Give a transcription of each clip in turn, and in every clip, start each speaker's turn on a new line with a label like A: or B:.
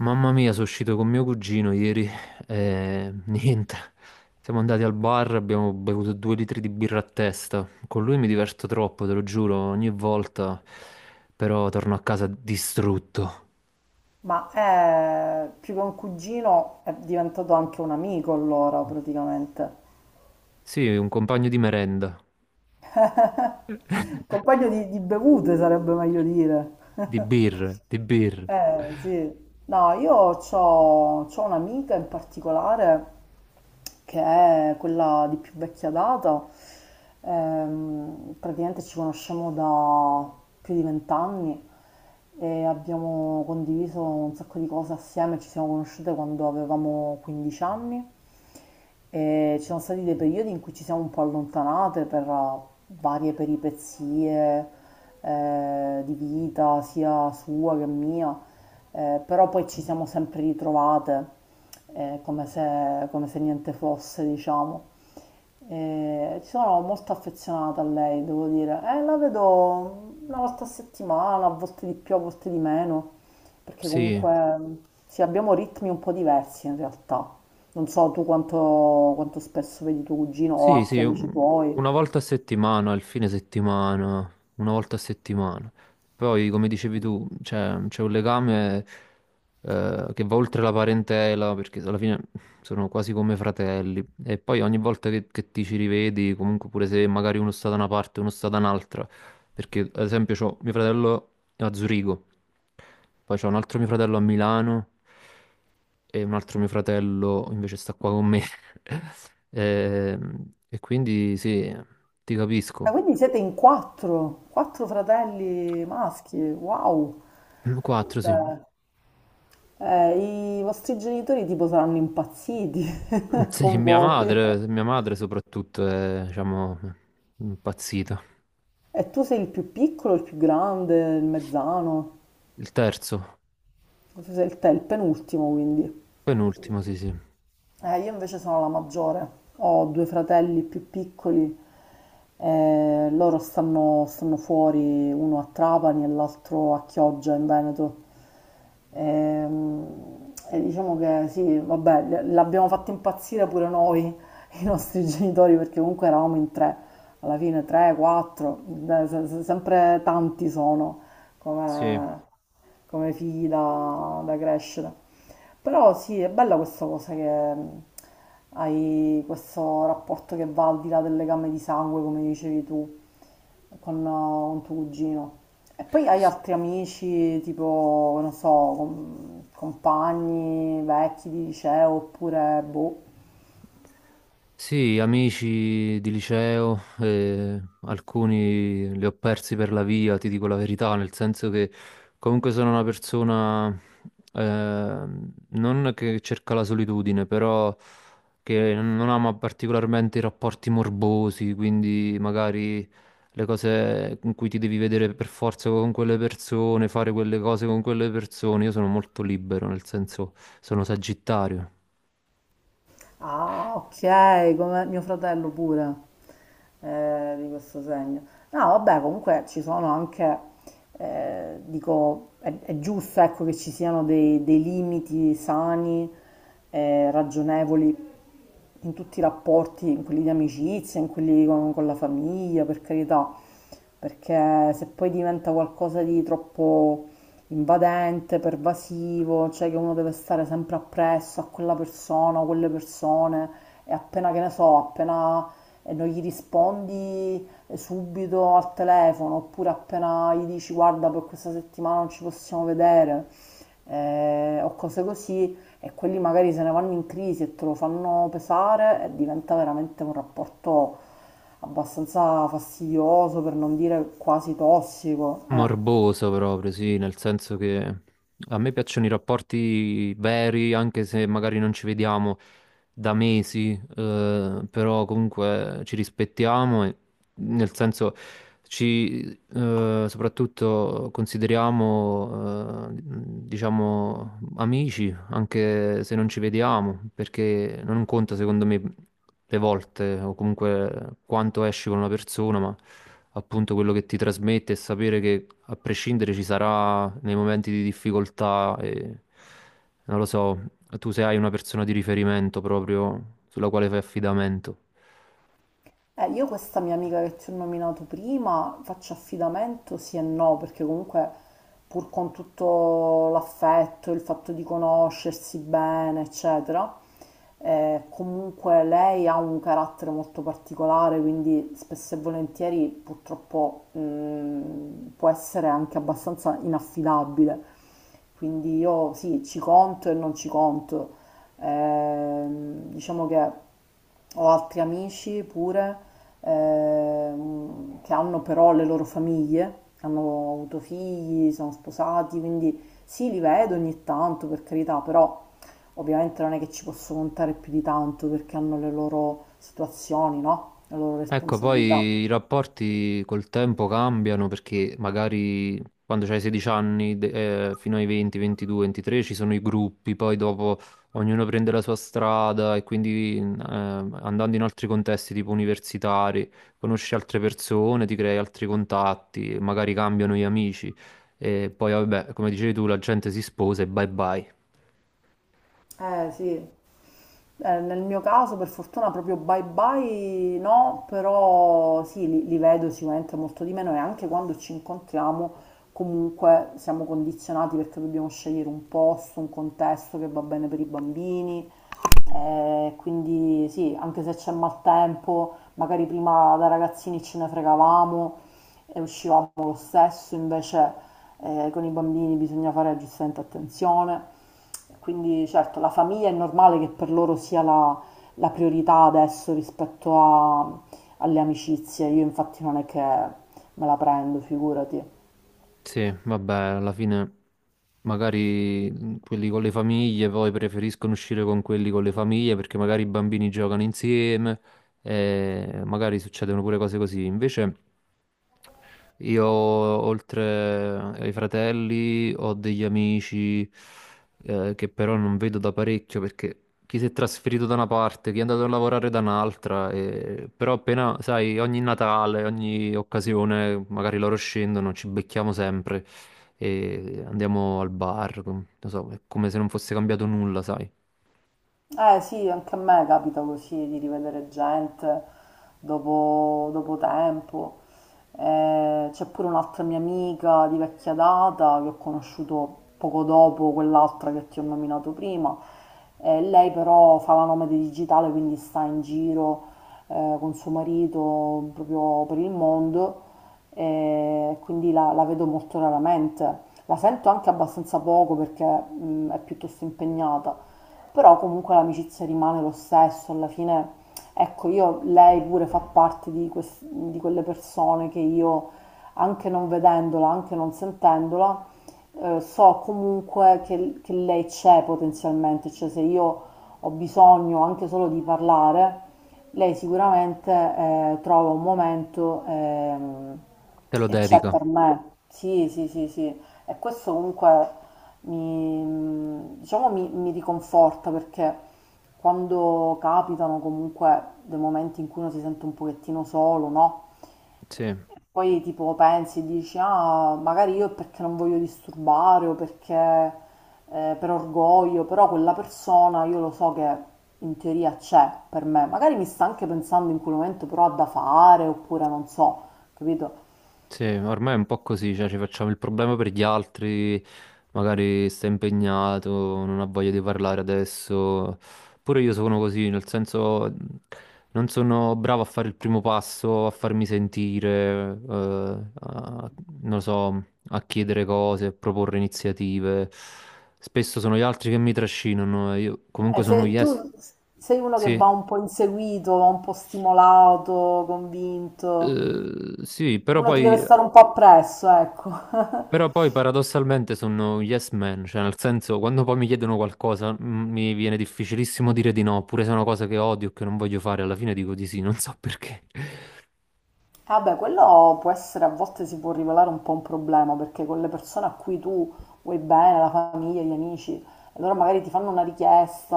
A: Mamma mia, sono uscito con mio cugino ieri e niente. Siamo andati al bar, abbiamo bevuto due litri di birra a testa. Con lui mi diverto troppo, te lo giuro, ogni volta, però torno a casa distrutto.
B: Ma è più che un cugino, è diventato anche un amico allora, praticamente.
A: Sì, un compagno di merenda,
B: Compagno di bevute sarebbe meglio dire.
A: di birre, di birre.
B: Eh sì, no, io ho un'amica in particolare che è quella di più vecchia data, praticamente ci conosciamo da più di vent'anni e abbiamo condiviso un sacco di cose assieme, ci siamo conosciute quando avevamo 15 anni e ci sono stati dei periodi in cui ci siamo un po' allontanate per varie peripezie di vita, sia sua che mia, però poi ci siamo sempre ritrovate come se niente fosse, diciamo. Sono molto affezionata a lei, devo dire. La vedo una volta a settimana, a volte di più, a volte di meno, perché
A: Sì,
B: comunque sì, abbiamo ritmi un po' diversi in realtà. Non so tu quanto spesso vedi tuo cugino o
A: sì,
B: altri amici tuoi.
A: una volta a settimana, il fine settimana, una volta a settimana. Poi, come dicevi tu, c'è un legame, che va oltre la parentela, perché alla fine sono quasi come fratelli. E poi ogni volta che ti ci rivedi, comunque pure se magari uno sta da una parte e uno sta da un'altra, perché ad esempio c'ho mio fratello a Zurigo, poi c'ho un altro mio fratello a Milano e un altro mio fratello invece sta qua con me. E quindi sì, ti
B: Ah,
A: capisco.
B: quindi siete in quattro, quattro fratelli maschi, wow.
A: Quattro, sì.
B: Cioè, i vostri genitori tipo saranno impazziti
A: Sì,
B: con voi.
A: mia madre soprattutto è, diciamo, impazzita.
B: E tu sei il più piccolo, il più grande, il mezzano.
A: Il terzo,
B: Tu sei te, il penultimo, quindi.
A: penultimo, sì, sì.
B: Io invece sono la maggiore, ho due fratelli più piccoli, loro stanno fuori, uno a Trapani e l'altro a Chioggia in Veneto. Ehm, E, diciamo che sì, vabbè, l'abbiamo fatto impazzire pure noi, i nostri genitori, perché comunque eravamo in tre, alla fine tre, quattro, sempre tanti sono
A: Sì.
B: come, come figli da crescere. Però sì, è bella questa cosa che hai questo rapporto che va al di là del legame di sangue, come dicevi tu, con tuo cugino. E poi hai
A: Sì.
B: altri amici, tipo, non so, compagni vecchi di liceo, oppure boh.
A: Sì, amici di liceo, alcuni li ho persi per la via, ti dico la verità, nel senso che comunque sono una persona, eh, non che cerca la solitudine, però che non ama particolarmente i rapporti morbosi, quindi magari le cose in cui ti devi vedere per forza con quelle persone, fare quelle cose con quelle persone. Io sono molto libero, nel senso sono sagittario.
B: Ah, ok, come mio fratello pure, di questo segno. No, vabbè, comunque ci sono anche, dico, è giusto, ecco, che ci siano dei limiti sani, ragionevoli in tutti i rapporti, in quelli di amicizia, in quelli con la famiglia, per carità, perché se poi diventa qualcosa di troppo invadente, pervasivo, cioè che uno deve stare sempre appresso a quella persona o quelle persone e appena che ne so, appena non gli rispondi subito al telefono, oppure appena gli dici guarda per questa settimana non ci possiamo vedere o cose così, e quelli magari se ne vanno in crisi e te lo fanno pesare, e diventa veramente un rapporto abbastanza fastidioso, per non dire quasi tossico. Eh.
A: Morboso proprio, sì, nel senso che a me piacciono i rapporti veri, anche se magari non ci vediamo da mesi, però comunque ci rispettiamo e, nel senso, ci soprattutto consideriamo, diciamo, amici anche se non ci vediamo, perché non conta secondo me le volte o comunque quanto esci con una persona, ma appunto quello che ti trasmette e sapere che a prescindere ci sarà nei momenti di difficoltà e non lo so, tu se hai una persona di riferimento proprio sulla quale fai affidamento.
B: Io questa mia amica che ti ho nominato prima, faccio affidamento sì e no, perché comunque pur con tutto l'affetto, il fatto di conoscersi bene, eccetera, comunque lei ha un carattere molto particolare, quindi spesso e volentieri purtroppo può essere anche abbastanza inaffidabile. Quindi io sì, ci conto e non ci conto. Diciamo che ho altri amici pure che hanno però le loro famiglie, hanno avuto figli, sono sposati, quindi sì, li vedo ogni tanto per carità, però ovviamente non è che ci posso contare più di tanto perché hanno le loro situazioni, no? Le loro
A: Ecco,
B: responsabilità.
A: poi i rapporti col tempo cambiano perché magari quando c'hai 16 anni, fino ai 20, 22, 23 ci sono i gruppi, poi dopo ognuno prende la sua strada e quindi andando in altri contesti tipo universitari, conosci altre persone, ti crei altri contatti, magari cambiano gli amici e poi vabbè, come dicevi tu, la gente si sposa e bye bye.
B: Eh sì, eh, nel mio caso, per fortuna, proprio bye bye no, però sì, li vedo sicuramente molto di meno, e anche quando ci incontriamo, comunque siamo condizionati perché dobbiamo scegliere un posto, un contesto che va bene per i bambini. Quindi sì, anche se c'è maltempo, magari prima da ragazzini ce ne fregavamo e uscivamo lo stesso, invece con i bambini bisogna fare giustamente attenzione. Quindi certo, la famiglia è normale che per loro sia la priorità adesso rispetto alle amicizie. Io infatti non è che me la prendo, figurati.
A: Sì, vabbè, alla fine magari quelli con le famiglie poi preferiscono uscire con quelli con le famiglie perché magari i bambini giocano insieme e magari succedono pure cose così. Invece io, oltre ai fratelli, ho degli amici, che però non vedo da parecchio perché chi si è trasferito da una parte, chi è andato a lavorare da un'altra, però appena, sai, ogni Natale, ogni occasione, magari loro scendono, ci becchiamo sempre e andiamo al bar, non so, è come se non fosse cambiato nulla, sai.
B: Eh sì, anche a me capita così di rivedere gente dopo tempo. C'è pure un'altra mia amica di vecchia data che ho conosciuto poco dopo quell'altra che ti ho nominato prima. Lei però fa la nomade digitale, quindi sta in giro con suo marito proprio per il mondo, e quindi la vedo molto raramente. La sento anche abbastanza poco perché è piuttosto impegnata, però comunque l'amicizia rimane lo stesso, alla fine, ecco, io, lei pure fa parte di quelle persone che io, anche non vedendola, anche non sentendola, so comunque che lei c'è potenzialmente, cioè se io ho bisogno anche solo di parlare, lei sicuramente trova un momento
A: Te lo
B: e c'è
A: dedica,
B: per me. Sì, sì, sì, sì. E questo comunque diciamo, mi riconforta perché quando capitano comunque dei momenti in cui uno si sente un pochettino solo, no?
A: sì.
B: E poi tipo pensi, e dici, ah, magari io è perché non voglio disturbare o perché per orgoglio, però quella persona io lo so che in teoria c'è per me. Magari mi sta anche pensando in quel momento, però ha da fare oppure non so, capito?
A: Sì, ormai è un po' così, cioè ci facciamo il problema per gli altri, magari sta impegnato, non ha voglia di parlare adesso. Pure io sono così, nel senso non sono bravo a fare il primo passo, a farmi sentire, a- non lo so, a chiedere cose, a proporre iniziative. Spesso sono gli altri che mi trascinano, e io comunque
B: Se
A: sono
B: tu
A: yes.
B: sei uno che
A: Sì.
B: va un po' inseguito, va un po' stimolato, convinto,
A: Eh, sì, però
B: uno ti deve
A: poi
B: stare un po' appresso, ecco.
A: Però poi paradossalmente sono un yes man, cioè nel senso quando poi mi chiedono qualcosa, mi viene difficilissimo dire di no, pure se è una cosa che odio, che non voglio fare, alla fine dico di sì, non so perché.
B: Vabbè, quello può essere, a volte si può rivelare un po' un problema, perché con le persone a cui tu vuoi bene, la famiglia, gli amici, allora magari ti fanno una richiesta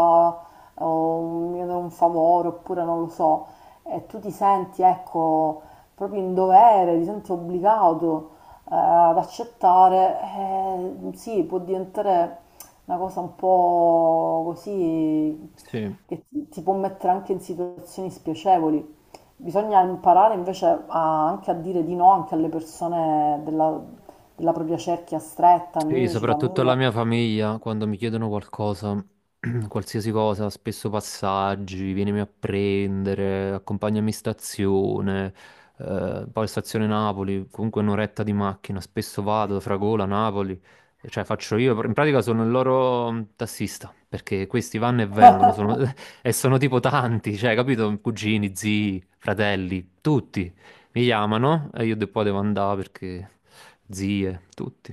B: o un, mi chiedono un favore, oppure non lo so, e tu ti senti, ecco, proprio in dovere, ti senti obbligato ad accettare, sì, può diventare una cosa un po' così
A: Sì.
B: che ti può mettere anche in situazioni spiacevoli. Bisogna imparare invece anche a dire di no anche alle persone della propria cerchia stretta,
A: Sì,
B: amici,
A: soprattutto la
B: famiglia.
A: mia famiglia, quando mi chiedono qualcosa, qualsiasi cosa, spesso passaggi, vienimi a prendere, accompagnami in stazione, poi stazione Napoli, comunque un'oretta di macchina, spesso vado, da Fragola, Napoli, cioè faccio io, in pratica sono il loro, tassista, perché questi vanno e vengono, sono- e sono tipo tanti, cioè, capito? Cugini, zii, fratelli, tutti mi chiamano e io poi devo andare perché zie, tutti.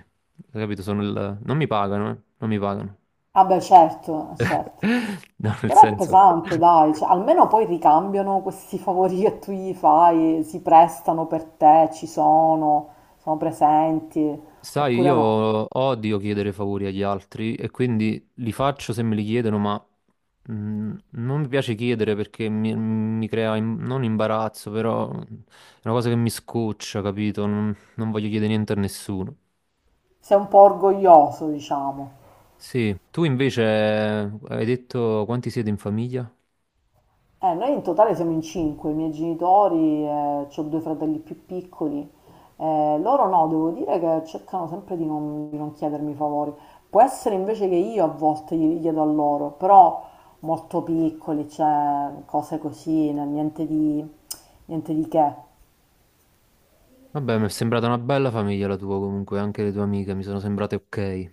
A: Hai capito? Sono il... Non mi pagano, eh? Non mi pagano.
B: Ah beh, certo, certo.
A: No, nel
B: Però è
A: senso...
B: pesante, dai, cioè, almeno poi ricambiano questi favori che tu gli fai, si prestano per te, ci sono, sono presenti,
A: Sai,
B: oppure
A: io
B: no.
A: odio chiedere favori agli altri e quindi li faccio se me li chiedono, ma mm, non mi piace chiedere perché mi crea non imbarazzo, però è una cosa che mi scoccia, capito? Non voglio chiedere niente a nessuno.
B: Sei un po' orgoglioso, diciamo.
A: Sì, tu invece, hai detto quanti siete in famiglia?
B: Noi in totale siamo in 5, i miei genitori, ho due fratelli più piccoli. Loro no, devo dire che cercano sempre di non chiedermi favori. Può essere invece che io a volte glieli chiedo a loro, però molto piccoli, cioè cose così, niente niente di che.
A: Vabbè, mi è sembrata una bella famiglia la tua comunque, anche le tue amiche mi sono sembrate ok.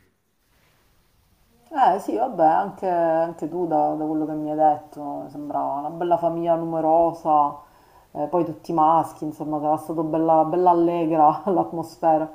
B: Eh sì, vabbè, anche, anche tu da quello che mi hai detto, sembrava una bella famiglia numerosa, poi tutti maschi, insomma, sarà stato bella allegra l'atmosfera.